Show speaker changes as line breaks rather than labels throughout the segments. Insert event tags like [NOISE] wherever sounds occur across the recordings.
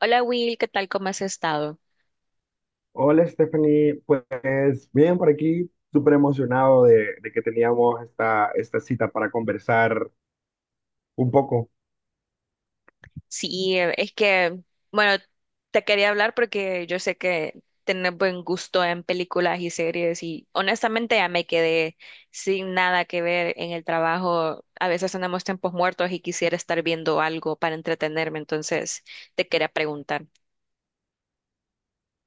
Hola Will, ¿qué tal? ¿Cómo has estado?
Hola Stephanie, pues bien por aquí, súper emocionado de que teníamos esta cita para conversar un poco.
Sí, es que, bueno, te quería hablar porque yo sé que tienes buen gusto en películas y series y honestamente ya me quedé sin nada que ver en el trabajo. A veces tenemos tiempos muertos y quisiera estar viendo algo para entretenerme, entonces te quería preguntar.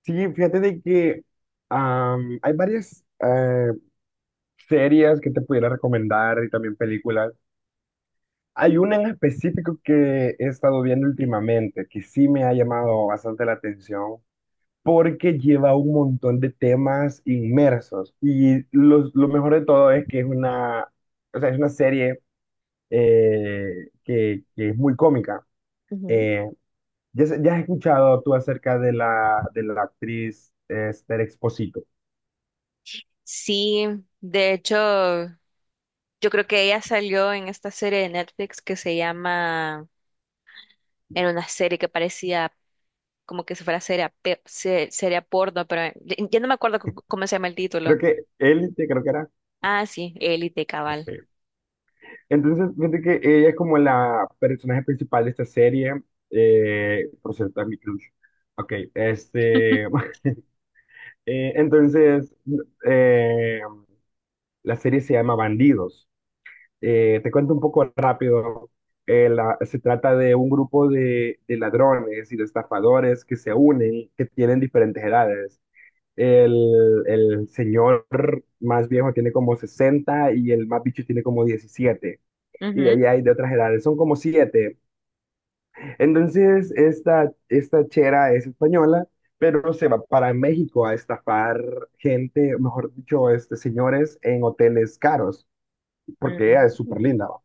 Sí, fíjate de que hay varias series que te pudiera recomendar y también películas. Hay una en específico que he estado viendo últimamente que sí me ha llamado bastante la atención porque lleva un montón de temas inmersos y lo mejor de todo es que es una, o sea, es una serie. Que es muy cómica.
Ujú.
Eh, ya has escuchado tú acerca de la actriz Esther Exposito.
Sí, de hecho, yo creo que ella salió en esta serie de Netflix que se llama, era una serie que parecía como que si fuera seria, seria porno, pero ya no me acuerdo cómo se llama el
Creo
título.
que Élite, creo que era.
Ah, sí, Élite Cabal.
Ok. Entonces, fíjate que ella es como la personaje principal de esta serie. Por cierto, es mi crush. Ok,
[LAUGHS]
[LAUGHS] entonces, eh, la serie se llama Bandidos. Te cuento un poco rápido. Se trata de un grupo de ladrones y de estafadores que se unen, que tienen diferentes edades. El señor más viejo tiene como 60 y el más bicho tiene como 17. Y de
Ujú,
ahí hay de otras edades, son como 7. Entonces, esta chera es española, pero se va para México a estafar gente, mejor dicho, señores en hoteles caros porque ella es súper
ujú.
linda, ¿va?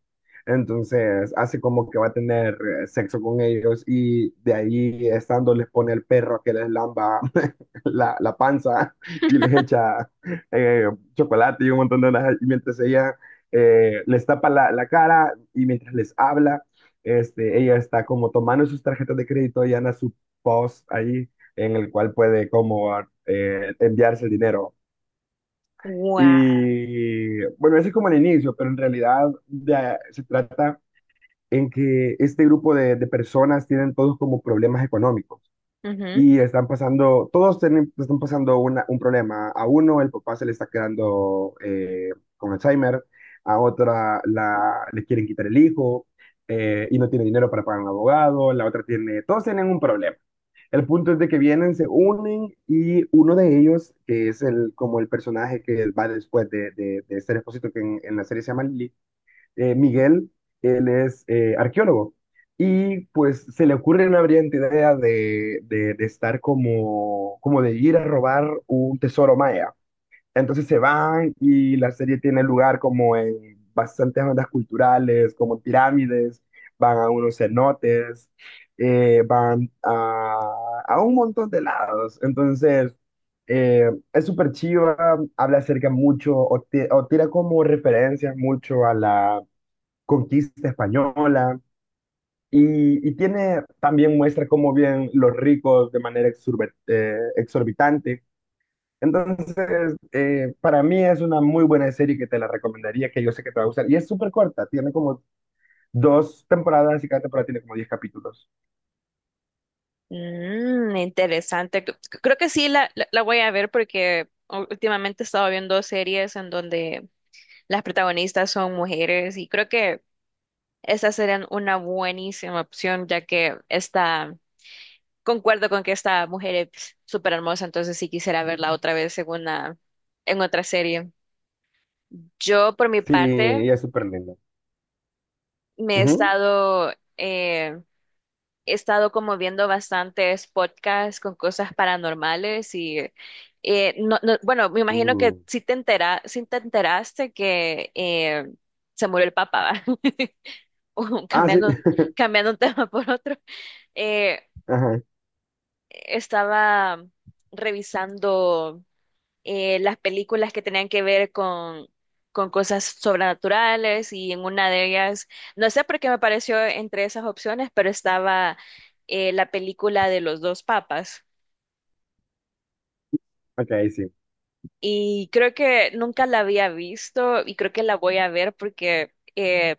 Entonces hace como que va a tener sexo con ellos y de ahí estando les pone el perro que les lamba [LAUGHS] la panza y les echa eh, chocolate y un montón de las. Y mientras ella les tapa la cara y mientras les habla, ella está como tomando sus tarjetas de crédito y anda su post ahí en el cual puede como enviarse el dinero.
Guau,
Y bueno, ese es como el inicio, pero en realidad se trata en que este grupo de personas tienen todos como problemas económicos
ujú.
y están pasando, todos tienen, están pasando un problema. A uno el papá se le está quedando con Alzheimer, a otra le quieren quitar el hijo y no tiene dinero para pagar un abogado, la otra tiene, todos tienen un problema. El punto es de que vienen, se unen y uno de ellos, que es como el personaje que va después de este Expósito, que la serie se llama Lily, Miguel, él es arqueólogo. Y pues se le ocurre una brillante idea de estar como de ir a robar un tesoro maya. Entonces se van y la serie tiene lugar como en bastantes bandas culturales, como pirámides, van a unos cenotes, van a un montón de lados. Entonces, es súper chiva, habla acerca mucho o tira como referencias mucho a la conquista española. Y tiene también muestra cómo bien los ricos de manera exorbitante entonces, para mí es una muy buena serie que te la recomendaría, que yo sé que te va a gustar. Y es súper corta, tiene como dos temporadas y cada temporada tiene como 10 capítulos.
Mm, interesante. Creo que sí la voy a ver porque últimamente he estado viendo series en donde las protagonistas son mujeres y creo que esta sería una buenísima opción ya que está, concuerdo con que esta mujer es súper hermosa, entonces sí quisiera verla otra vez en otra serie. Yo, por mi
Sí,
parte,
y es súper linda.
me he
Ujú.
estado, eh, he estado como viendo bastantes podcasts con cosas paranormales y, bueno, me imagino que
Mm.
sí te enteraste que se murió el papá. [LAUGHS]
Ah, sí.
Cambiando,
[LAUGHS]
un [LAUGHS] tema por otro. Eh,
Ajá.
Estaba revisando las películas que tenían que ver con cosas sobrenaturales y en una de ellas, no sé por qué me pareció entre esas opciones, pero estaba la película de los dos papas
Ok, sí.
y creo que nunca la había visto y creo que la voy a ver porque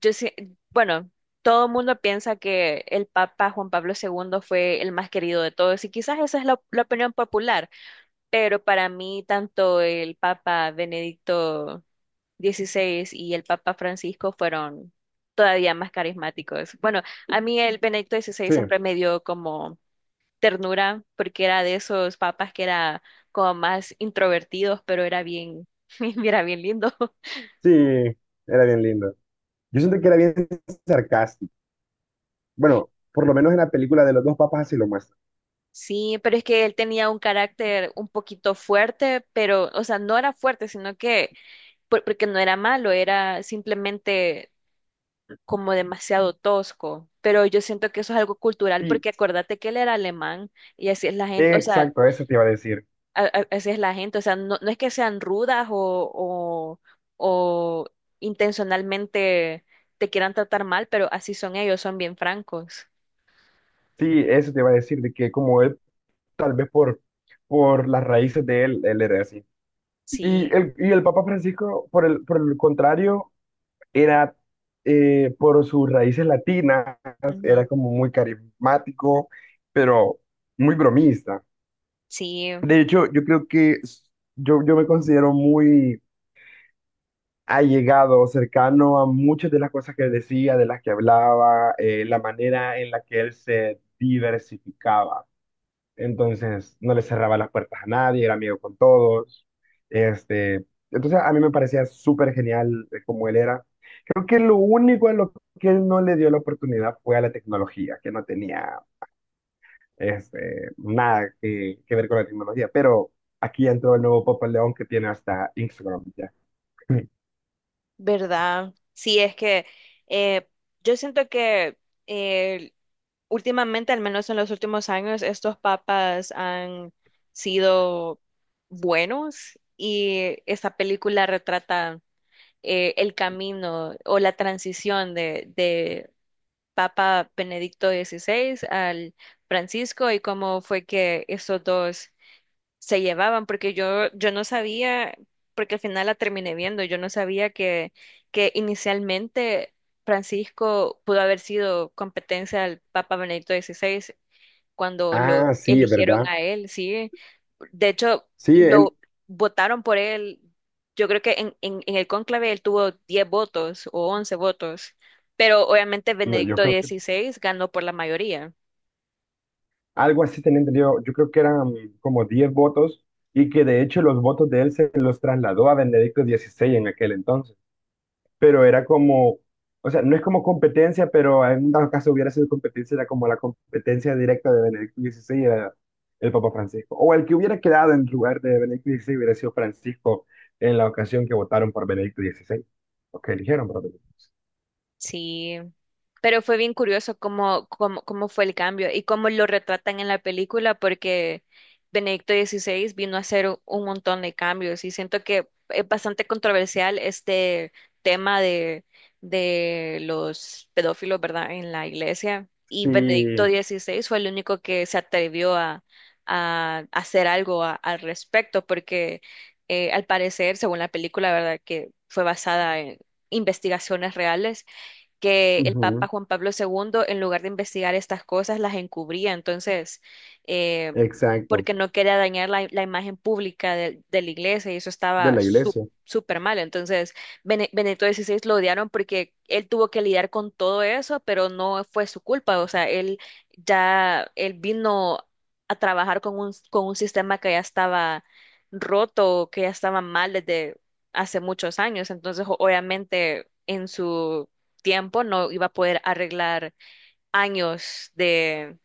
yo sé, bueno. Todo el mundo piensa que el Papa Juan Pablo II fue el más querido de todos y quizás esa es la opinión popular, pero para mí tanto el Papa Benedicto XVI y el Papa Francisco fueron todavía más carismáticos. Bueno, a mí el Benedicto XVI
Sí,
siempre me dio como ternura porque era de esos papas que era como más introvertidos, pero era bien, [LAUGHS] era bien lindo.
sí, era bien lindo. Yo siento que era bien sarcástico. Bueno, por lo menos en la película de los dos papas así lo muestra.
Sí, pero es que él tenía un carácter un poquito fuerte, pero, o sea, no era fuerte, sino que, porque no era malo, era simplemente como demasiado tosco. Pero yo siento que eso es algo cultural,
Sí,
porque acuérdate que él era alemán y así es la gente, o sea,
exacto, eso te iba a decir.
así es la gente, o sea, no es que sean rudas o, o intencionalmente te quieran tratar mal, pero así son ellos, son bien francos.
Sí, eso te iba a decir, de que como él, tal vez por las raíces de él, él era así. Y
Sí,
el, y el Papa Francisco, por el contrario, era, por sus raíces latinas,
ujú.
era como muy carismático, pero muy bromista.
Sí,
De hecho, yo creo que yo me considero muy allegado, cercano a muchas de las cosas que decía, de las que hablaba, la manera en la que él se diversificaba. Entonces, no le cerraba las puertas a nadie, era amigo con todos. Este, entonces, a mí me parecía súper genial como él era. Creo que lo único a lo que él no le dio la oportunidad fue a la tecnología, que no tenía nada que ver con la tecnología. Pero aquí entró el nuevo Papa León que tiene hasta Instagram ya.
¿verdad? Sí, es que eh, yo siento que eh, últimamente, al menos en los últimos años, estos papas han sido buenos y esta película retrata el camino o la transición de Papa Benedicto XVI al Francisco y cómo fue que esos dos se llevaban, porque yo no sabía, porque al final la terminé viendo, yo no sabía que inicialmente Francisco pudo haber sido competencia al Papa Benedicto XVI cuando
Ah,
lo
sí, es
eligieron
verdad.
a él, sí. De hecho,
Sí,
lo
él,
votaron por él. Yo creo que en el cónclave él tuvo 10 votos o 11 votos, pero obviamente
no, yo
Benedicto
creo que
XVI ganó por la mayoría.
algo así tenía entendido. Yo creo que eran como 10 votos y que de hecho los votos de él se los trasladó a Benedicto XVI en aquel entonces. Pero era como, o sea, no es como competencia, pero en dado caso hubiera sido competencia, era como la competencia directa de Benedicto XVI era el Papa Francisco. O el que hubiera quedado en lugar de Benedicto XVI hubiera sido Francisco en la ocasión que votaron por Benedicto XVI. O que eligieron por Benedicto.
Sí, pero fue bien curioso cómo fue el cambio y cómo lo retratan en la película, porque Benedicto XVI vino a hacer un montón de cambios y siento que es bastante controversial este tema de los pedófilos, ¿verdad?, en la iglesia. Y Benedicto
Sí,
XVI fue el único que se atrevió a hacer algo al respecto, porque al parecer, según la película, ¿verdad?, que fue basada en investigaciones reales, que el Papa
ujú,
Juan Pablo II, en lugar de investigar estas cosas, las encubría. Entonces, eh,
exacto,
porque no quería dañar la imagen pública de la iglesia y eso
de
estaba
la iglesia.
súper mal. Entonces, Benedicto XVI lo odiaron porque él tuvo que lidiar con todo eso, pero no fue su culpa. O sea, él vino a trabajar con un sistema que ya estaba roto, que ya estaba mal desde hace muchos años. Entonces, obviamente, en su tiempo no iba a poder arreglar años de,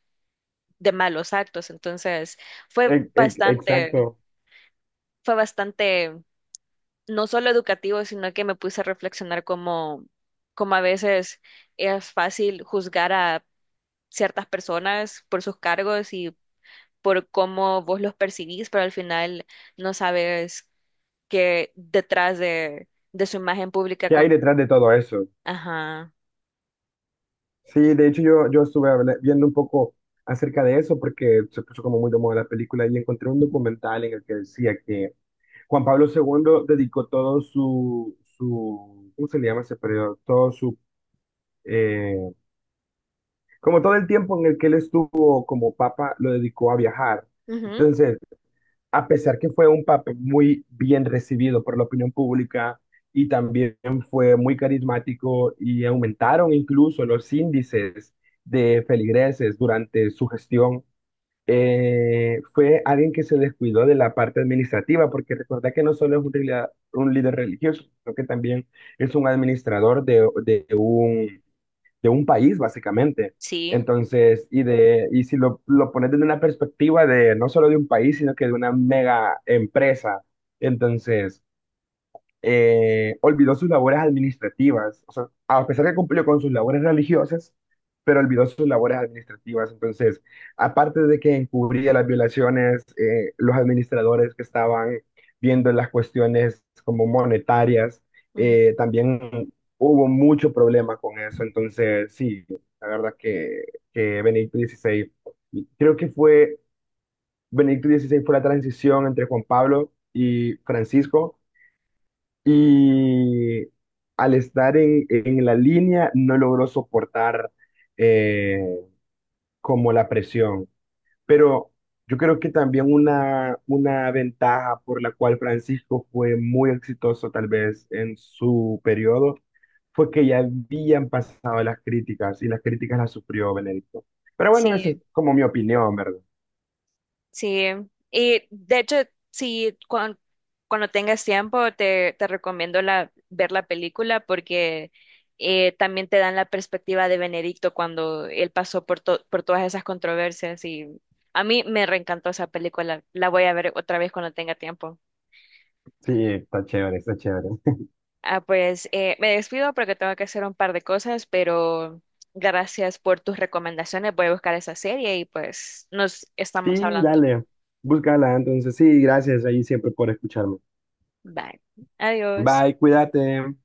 de malos actos. Entonces fue
E- e-
bastante,
exacto.
fue bastante, no solo educativo, sino que me puse a reflexionar como a veces es fácil juzgar a ciertas personas por sus cargos y por cómo vos los percibís, pero al final no sabes qué detrás de su imagen pública
¿Qué hay
con...
detrás de todo eso?
Ajá.
Sí, de hecho yo estuve viendo un poco acerca de eso porque se puso como muy de moda la película y encontré un documental en el que decía que Juan Pablo segundo dedicó todo su ¿cómo se le llama ese periodo? Eh, como todo el tiempo en el que él estuvo como papa, lo dedicó a viajar.
Ujú.
Entonces, a pesar que fue un papel muy bien recibido por la opinión pública y también fue muy carismático y aumentaron incluso los índices de feligreses durante su gestión, fue alguien que se descuidó de la parte administrativa, porque recuerda que no solo es un líder religioso, sino que también es un administrador de un país, básicamente.
Sí.
Entonces, y si lo pones desde una perspectiva de no solo de un país, sino que de una mega empresa. Entonces, olvidó sus labores administrativas, o sea, a pesar que cumplió con sus labores religiosas, pero olvidó sus labores administrativas. Entonces, aparte de que encubría las violaciones, los administradores que estaban viendo las cuestiones como monetarias,
Ujú.
también hubo mucho problema con eso. Entonces, sí, la verdad que, Benedicto XVI, creo que fue, Benedicto XVI fue la transición entre Juan Pablo y Francisco y al estar en la línea no logró soportar eh, como la presión. Pero yo creo que también una ventaja por la cual Francisco fue muy exitoso tal vez en su periodo fue que ya habían pasado las críticas y las críticas las sufrió Benedicto. Pero bueno, esa es
Sí.
como mi opinión, ¿verdad?
Sí, y de hecho, sí, cuando tengas tiempo, te recomiendo ver la película porque también te dan la perspectiva de Benedicto cuando él pasó por todas esas controversias y a mí me reencantó esa película. La voy a ver otra vez cuando tenga tiempo.
Sí, está chévere, está chévere. [LAUGHS]
Ah, pues me despido porque tengo que hacer un par de cosas, pero gracias por tus recomendaciones. Voy a buscar esa serie y pues nos estamos
Sí,
hablando.
dale, búscala entonces. Sí, gracias ahí siempre por escucharme.
Bye. Adiós.
Bye, cuídate.